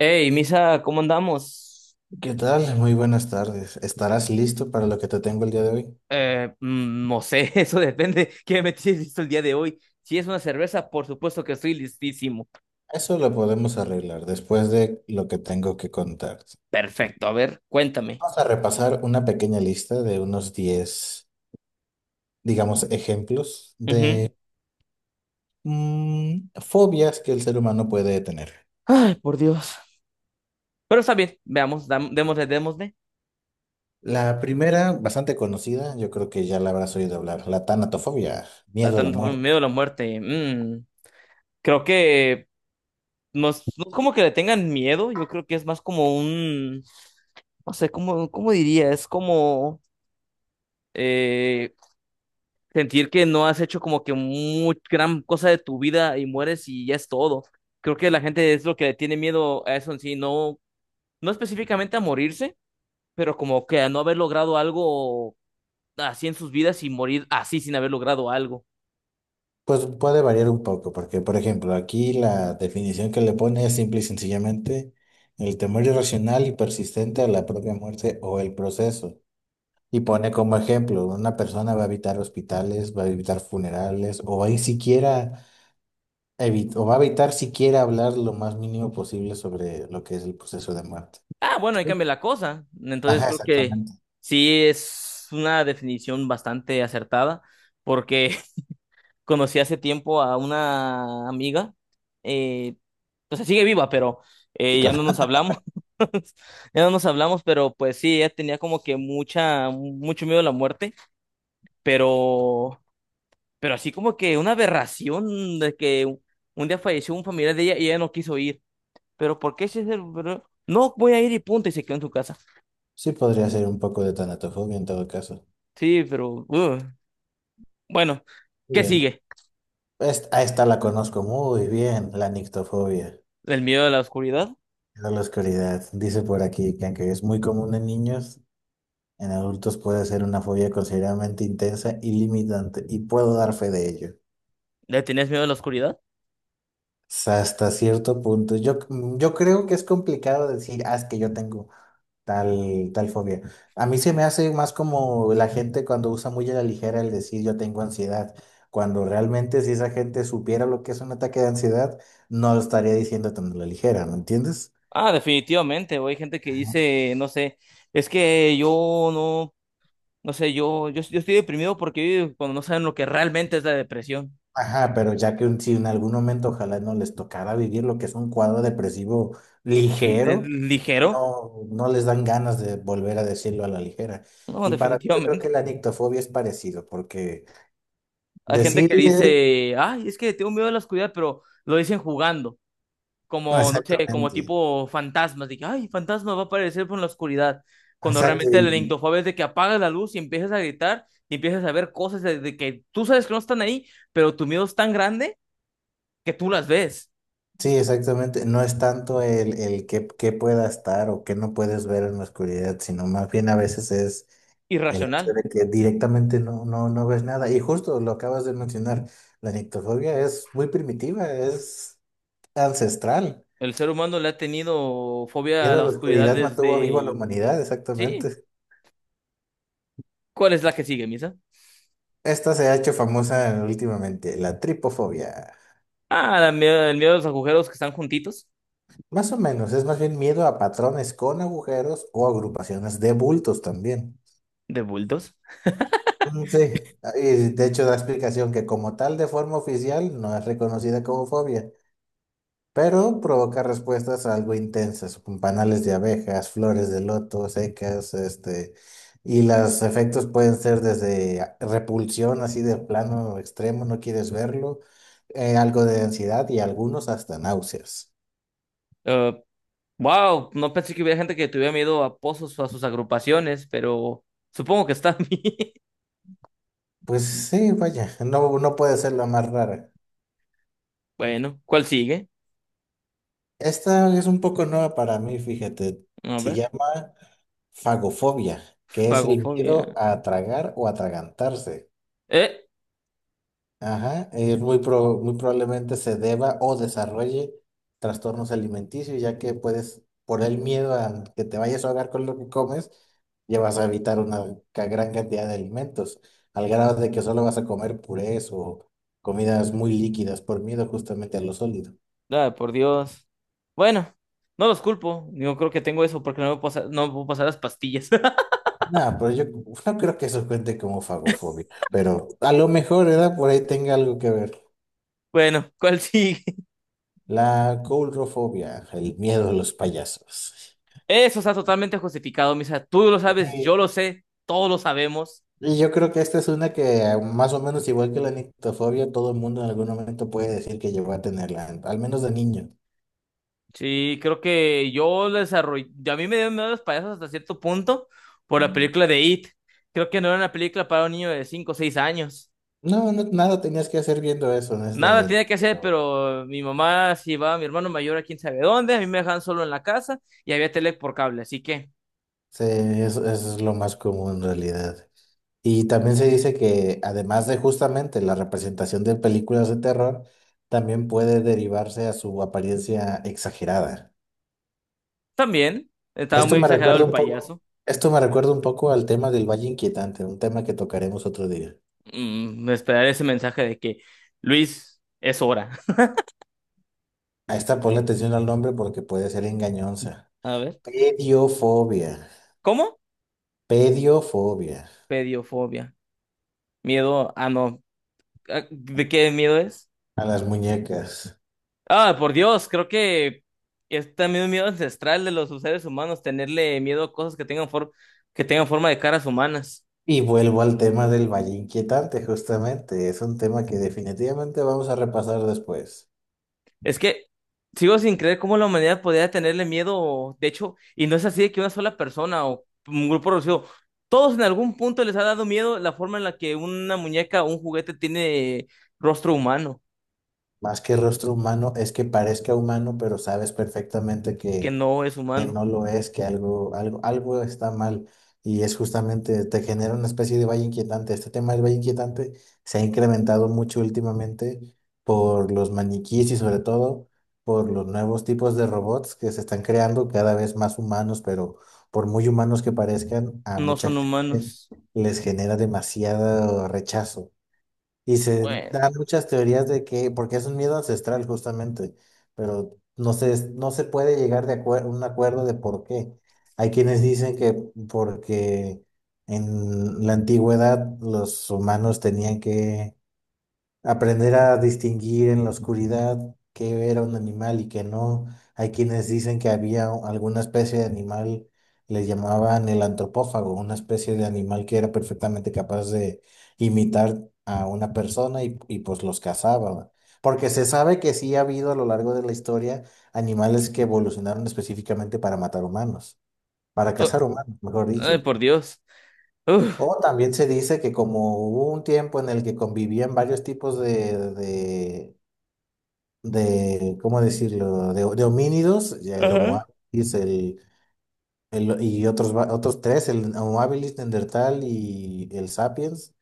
Hey, Misa, ¿cómo andamos? ¿Qué tal? Muy buenas tardes. ¿Estarás listo para lo que te tengo el día de hoy? No sé, eso depende. ¿Qué me tienes listo el día de hoy? Si es una cerveza, por supuesto que estoy listísimo. Eso lo podemos arreglar después de lo que tengo que contarte. Perfecto, a ver, cuéntame. Vamos a repasar una pequeña lista de unos 10, digamos, ejemplos Ujú. de fobias que el ser humano puede tener. Ay, por Dios. Pero está bien, veamos, démosle, démosle. La primera, bastante conocida, yo creo que ya la habrás oído hablar, la tanatofobia, La miedo a la tanto miedo a muerte. la muerte. Creo que no es como que le tengan miedo, yo creo que es más como un. No sé, ¿cómo, cómo diría? Es como eh, sentir que no has hecho como que muy gran cosa de tu vida y mueres y ya es todo. Creo que la gente es lo que le tiene miedo a eso en sí, no, no específicamente a morirse, pero como que a no haber logrado algo así en sus vidas y morir así sin haber logrado algo. Pues puede variar un poco, porque por ejemplo, aquí la definición que le pone es simple y sencillamente el temor irracional y persistente a la propia muerte o el proceso. Y pone como ejemplo, una persona va a evitar hospitales, va a evitar funerales, o va a ir siquiera o va a evitar siquiera hablar lo más mínimo posible sobre lo que es el proceso de muerte. Ah, bueno, ahí cambia la cosa. Entonces Ajá, creo que exactamente. sí es una definición bastante acertada, porque conocí hace tiempo a una amiga, eh, o sea, sigue viva, pero Sí, ya claro. no nos hablamos, ya no nos hablamos, pero pues sí, ella tenía como que mucho miedo a la muerte, pero, pero así como que una aberración de que un día falleció un familiar de ella y ella no quiso ir, pero ¿por qué si es No, voy a ir y punto, y se quedó en su casa. Sí podría ser un poco de tanatofobia en todo caso. Sí, pero, bueno, Muy ¿qué bien. sigue? Esta la conozco muy bien, la nictofobia. ¿El miedo a la oscuridad? Miedo a la oscuridad. Dice por aquí que aunque es muy común en niños, en adultos puede ser una fobia considerablemente intensa y limitante, y puedo dar fe de ello. ¿Le tenías miedo a la oscuridad? Hasta cierto punto. Yo creo que es complicado decir, ah, es que yo tengo tal fobia. A mí se me hace más como la gente cuando usa muy a la ligera el decir yo tengo ansiedad, cuando realmente si esa gente supiera lo que es un ataque de ansiedad, no lo estaría diciendo tan a la ligera, ¿me entiendes? Ah, definitivamente, güey. Hay gente que dice, no sé, es que yo no, no sé, yo estoy deprimido porque cuando no saben lo que realmente es la depresión, Ajá, pero ya que si en algún momento ojalá no les tocara vivir lo que es un cuadro depresivo es ligero, ligero. No les dan ganas de volver a decirlo a la ligera. No, Y para mí yo creo que definitivamente. la nictofobia es parecido, porque Hay gente que decirle dice, ay, es que tengo miedo a la oscuridad, pero lo dicen jugando, como, no sé, como exactamente, tipo fantasmas. Dije, ay, fantasma va a aparecer por la oscuridad. Cuando exacto, realmente la lindofobia es de que apagas la luz y empiezas a gritar y empiezas a ver cosas de que tú sabes que no están ahí, pero tu miedo es tan grande que tú las ves. sí, exactamente, no es tanto el que pueda estar o que no puedes ver en la oscuridad, sino más bien a veces es... El hecho Irracional. de que directamente no ves nada. Y justo lo acabas de mencionar, la nictofobia es muy primitiva, es ancestral. El ser humano le ha tenido fobia a Miedo a la la oscuridad oscuridad mantuvo viva a la desde... humanidad, Sí, exactamente. ¿cuál es la que sigue, Misa? Esta se ha hecho famosa últimamente, la tripofobia. Ah, el miedo a los agujeros que están juntitos, Más o menos, es más bien miedo a patrones con agujeros o agrupaciones de bultos también. de bultos. Sí, y de hecho da explicación que como tal de forma oficial no es reconocida como fobia. Pero provoca respuestas algo intensas, con panales de abejas, flores de loto, secas, y los efectos pueden ser desde repulsión, así de plano extremo, no quieres verlo, algo de ansiedad y algunos hasta náuseas. Eh, wow, no pensé que hubiera gente que tuviera miedo a pozos o a sus agrupaciones, pero supongo que está bien. Pues sí, vaya, no, no puede ser la más rara. Bueno, ¿cuál sigue? Esta es un poco nueva para mí, fíjate, A se ver, llama fagofobia, que es el miedo fagofobia. a tragar o atragantarse. Eh, Ajá, y muy probablemente se deba o desarrolle trastornos alimenticios, ya que puedes, por el miedo a que te vayas a ahogar con lo que comes, ya vas a evitar una gran cantidad de alimentos, al grado de que solo vas a comer purés o comidas muy líquidas por miedo justamente a lo sólido. ah, por Dios. Bueno, no los culpo. Yo creo que tengo eso porque no me puedo pasar las pastillas. Nada, pero yo no creo que eso cuente como fagofobia, pero a lo mejor, ¿verdad? Por ahí tenga algo que ver. Bueno, ¿cuál sigue? La coulrofobia, el miedo a los payasos. Eso está totalmente justificado, Misa. Tú lo sabes, yo lo sé, todos lo sabemos. Y yo creo que esta es una que más o menos igual que la nictofobia, todo el mundo en algún momento puede decir que llegó a tenerla, al menos de niño. Sí, creo que yo lo desarrollé. A mí me dieron miedo los payasos hasta cierto punto por la película de It. Creo que no era una película para un niño de 5 o 6 años. Nada tenías que hacer viendo eso, Nada honestamente, tenía que hacer, pero pero mi mamá se iba, mi hermano mayor a quién sabe dónde, a mí me dejaban solo en la casa y había tele por cable, así que sí, eso es lo más común en realidad. Y también se dice que además de justamente la representación de películas de terror, también puede derivarse a su apariencia exagerada. también estaba Esto muy me exagerado recuerda el un poco, payaso. esto me recuerda un poco al tema del Valle Inquietante, un tema que tocaremos otro día. Mm, esperar ese mensaje de que Luis es hora. A esta ponle atención al nombre porque puede ser engañosa. A ver, Pediofobia. ¿cómo? Pediofobia. Pediofobia. Miedo, ah, no. Ah, ¿de qué miedo es? A las muñecas. Ah, por Dios, creo que es también un miedo ancestral de los seres humanos, tenerle miedo a cosas que tengan que tengan forma de caras humanas. Y vuelvo al tema del valle inquietante, justamente. Es un tema que definitivamente vamos a repasar después. Es que sigo sin creer cómo la humanidad podría tenerle miedo, de hecho, y no es así de que una sola persona o un grupo reducido, todos en algún punto les ha dado miedo la forma en la que una muñeca o un juguete tiene rostro humano, Más que rostro humano, es que parezca humano, pero sabes perfectamente que que no es humano, no lo es, que algo está mal y es justamente, te genera una especie de valle inquietante. Este tema del valle inquietante se ha incrementado mucho últimamente por los maniquís y sobre todo por los nuevos tipos de robots que se están creando cada vez más humanos, pero por muy humanos que parezcan, a no mucha son gente humanos. les genera demasiado rechazo. Y se Bueno, dan muchas teorías de que, porque es un miedo ancestral justamente, pero no se puede llegar de un acuerdo de por qué. Hay quienes dicen que porque en la antigüedad los humanos tenían que aprender a distinguir en la oscuridad qué era un animal y qué no. Hay quienes dicen que había alguna especie de animal, les llamaban el antropófago, una especie de animal que era perfectamente capaz de imitar a una persona pues los cazaba. ¿Va? Porque se sabe que sí ha habido a lo largo de la historia animales que evolucionaron específicamente para matar humanos, para cazar lo- humanos, mejor ay, dicho. por Dios. Uf. O también se dice que como hubo un tiempo en el que convivían varios tipos de, ¿cómo decirlo? De homínidos, ya el sí. Homo Ajá. habilis, otros tres, el Homo habilis, Neandertal y el Sapiens.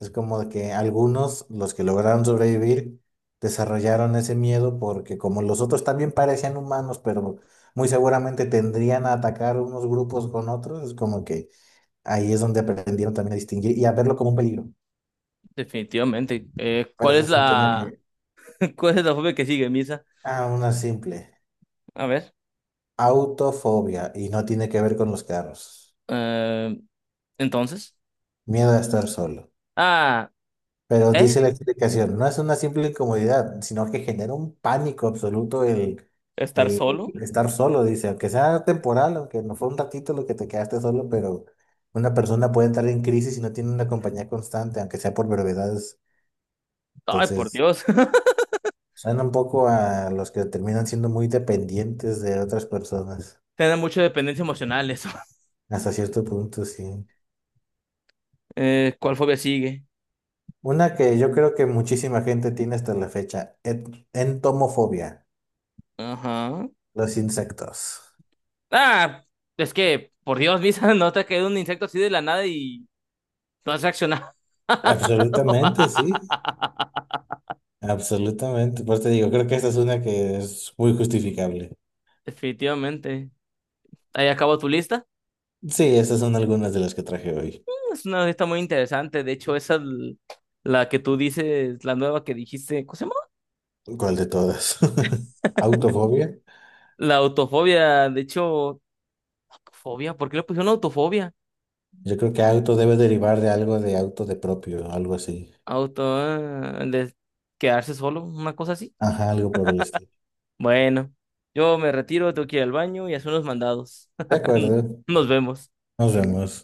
Es como de que algunos, los que lograron sobrevivir, desarrollaron ese miedo porque como los otros también parecían humanos, pero muy seguramente tendrían a atacar unos grupos con otros, es como que ahí es donde aprendieron también a distinguir y a verlo como un peligro. Definitivamente. Eh, Pero ¿cuál ese es es un tema la, que, Cuál es la fobia que sigue, Misa? ah, una simple. A ver. Autofobia y no tiene que ver con los carros. eh, entonces. Miedo a estar solo. Ah, Pero ¿eh? dice la explicación, no es una simple incomodidad, sino que genera un pánico absoluto ¿Estar el solo? estar solo, dice, aunque sea temporal, aunque no fue un ratito lo que te quedaste solo, pero una persona puede entrar en crisis si no tiene una compañía constante, aunque sea por brevedades. Ay, por Entonces, Dios. suena un poco a los que terminan siendo muy dependientes de otras personas, Tener mucha dependencia emocional eso. hasta cierto punto, sí. ¿cuál fobia sigue? Una que yo creo que muchísima gente tiene hasta la fecha, entomofobia, Ajá. los insectos. Ah, es que, por Dios, Misa, no te ha caído un insecto así de la nada y no has reaccionado. Absolutamente, sí, absolutamente. Por eso te digo, creo que esta es una que es muy justificable. Definitivamente. Ahí acabó tu lista. Sí, esas son algunas de las que traje hoy. Es una fiesta muy interesante. De hecho, la que tú dices, la nueva que dijiste, ¿cómo se llama? ¿Cuál de todas? Autofobia. La autofobia. De hecho, fobia, ¿por qué le pusieron autofobia? Yo creo que auto debe derivar de algo de auto de propio, algo así. Auto, ah, de quedarse solo, una cosa así. Ajá, algo por el estilo. Bueno, yo me retiro, tengo que ir al baño y hacer unos mandados. De acuerdo, Nos vemos. nos vemos.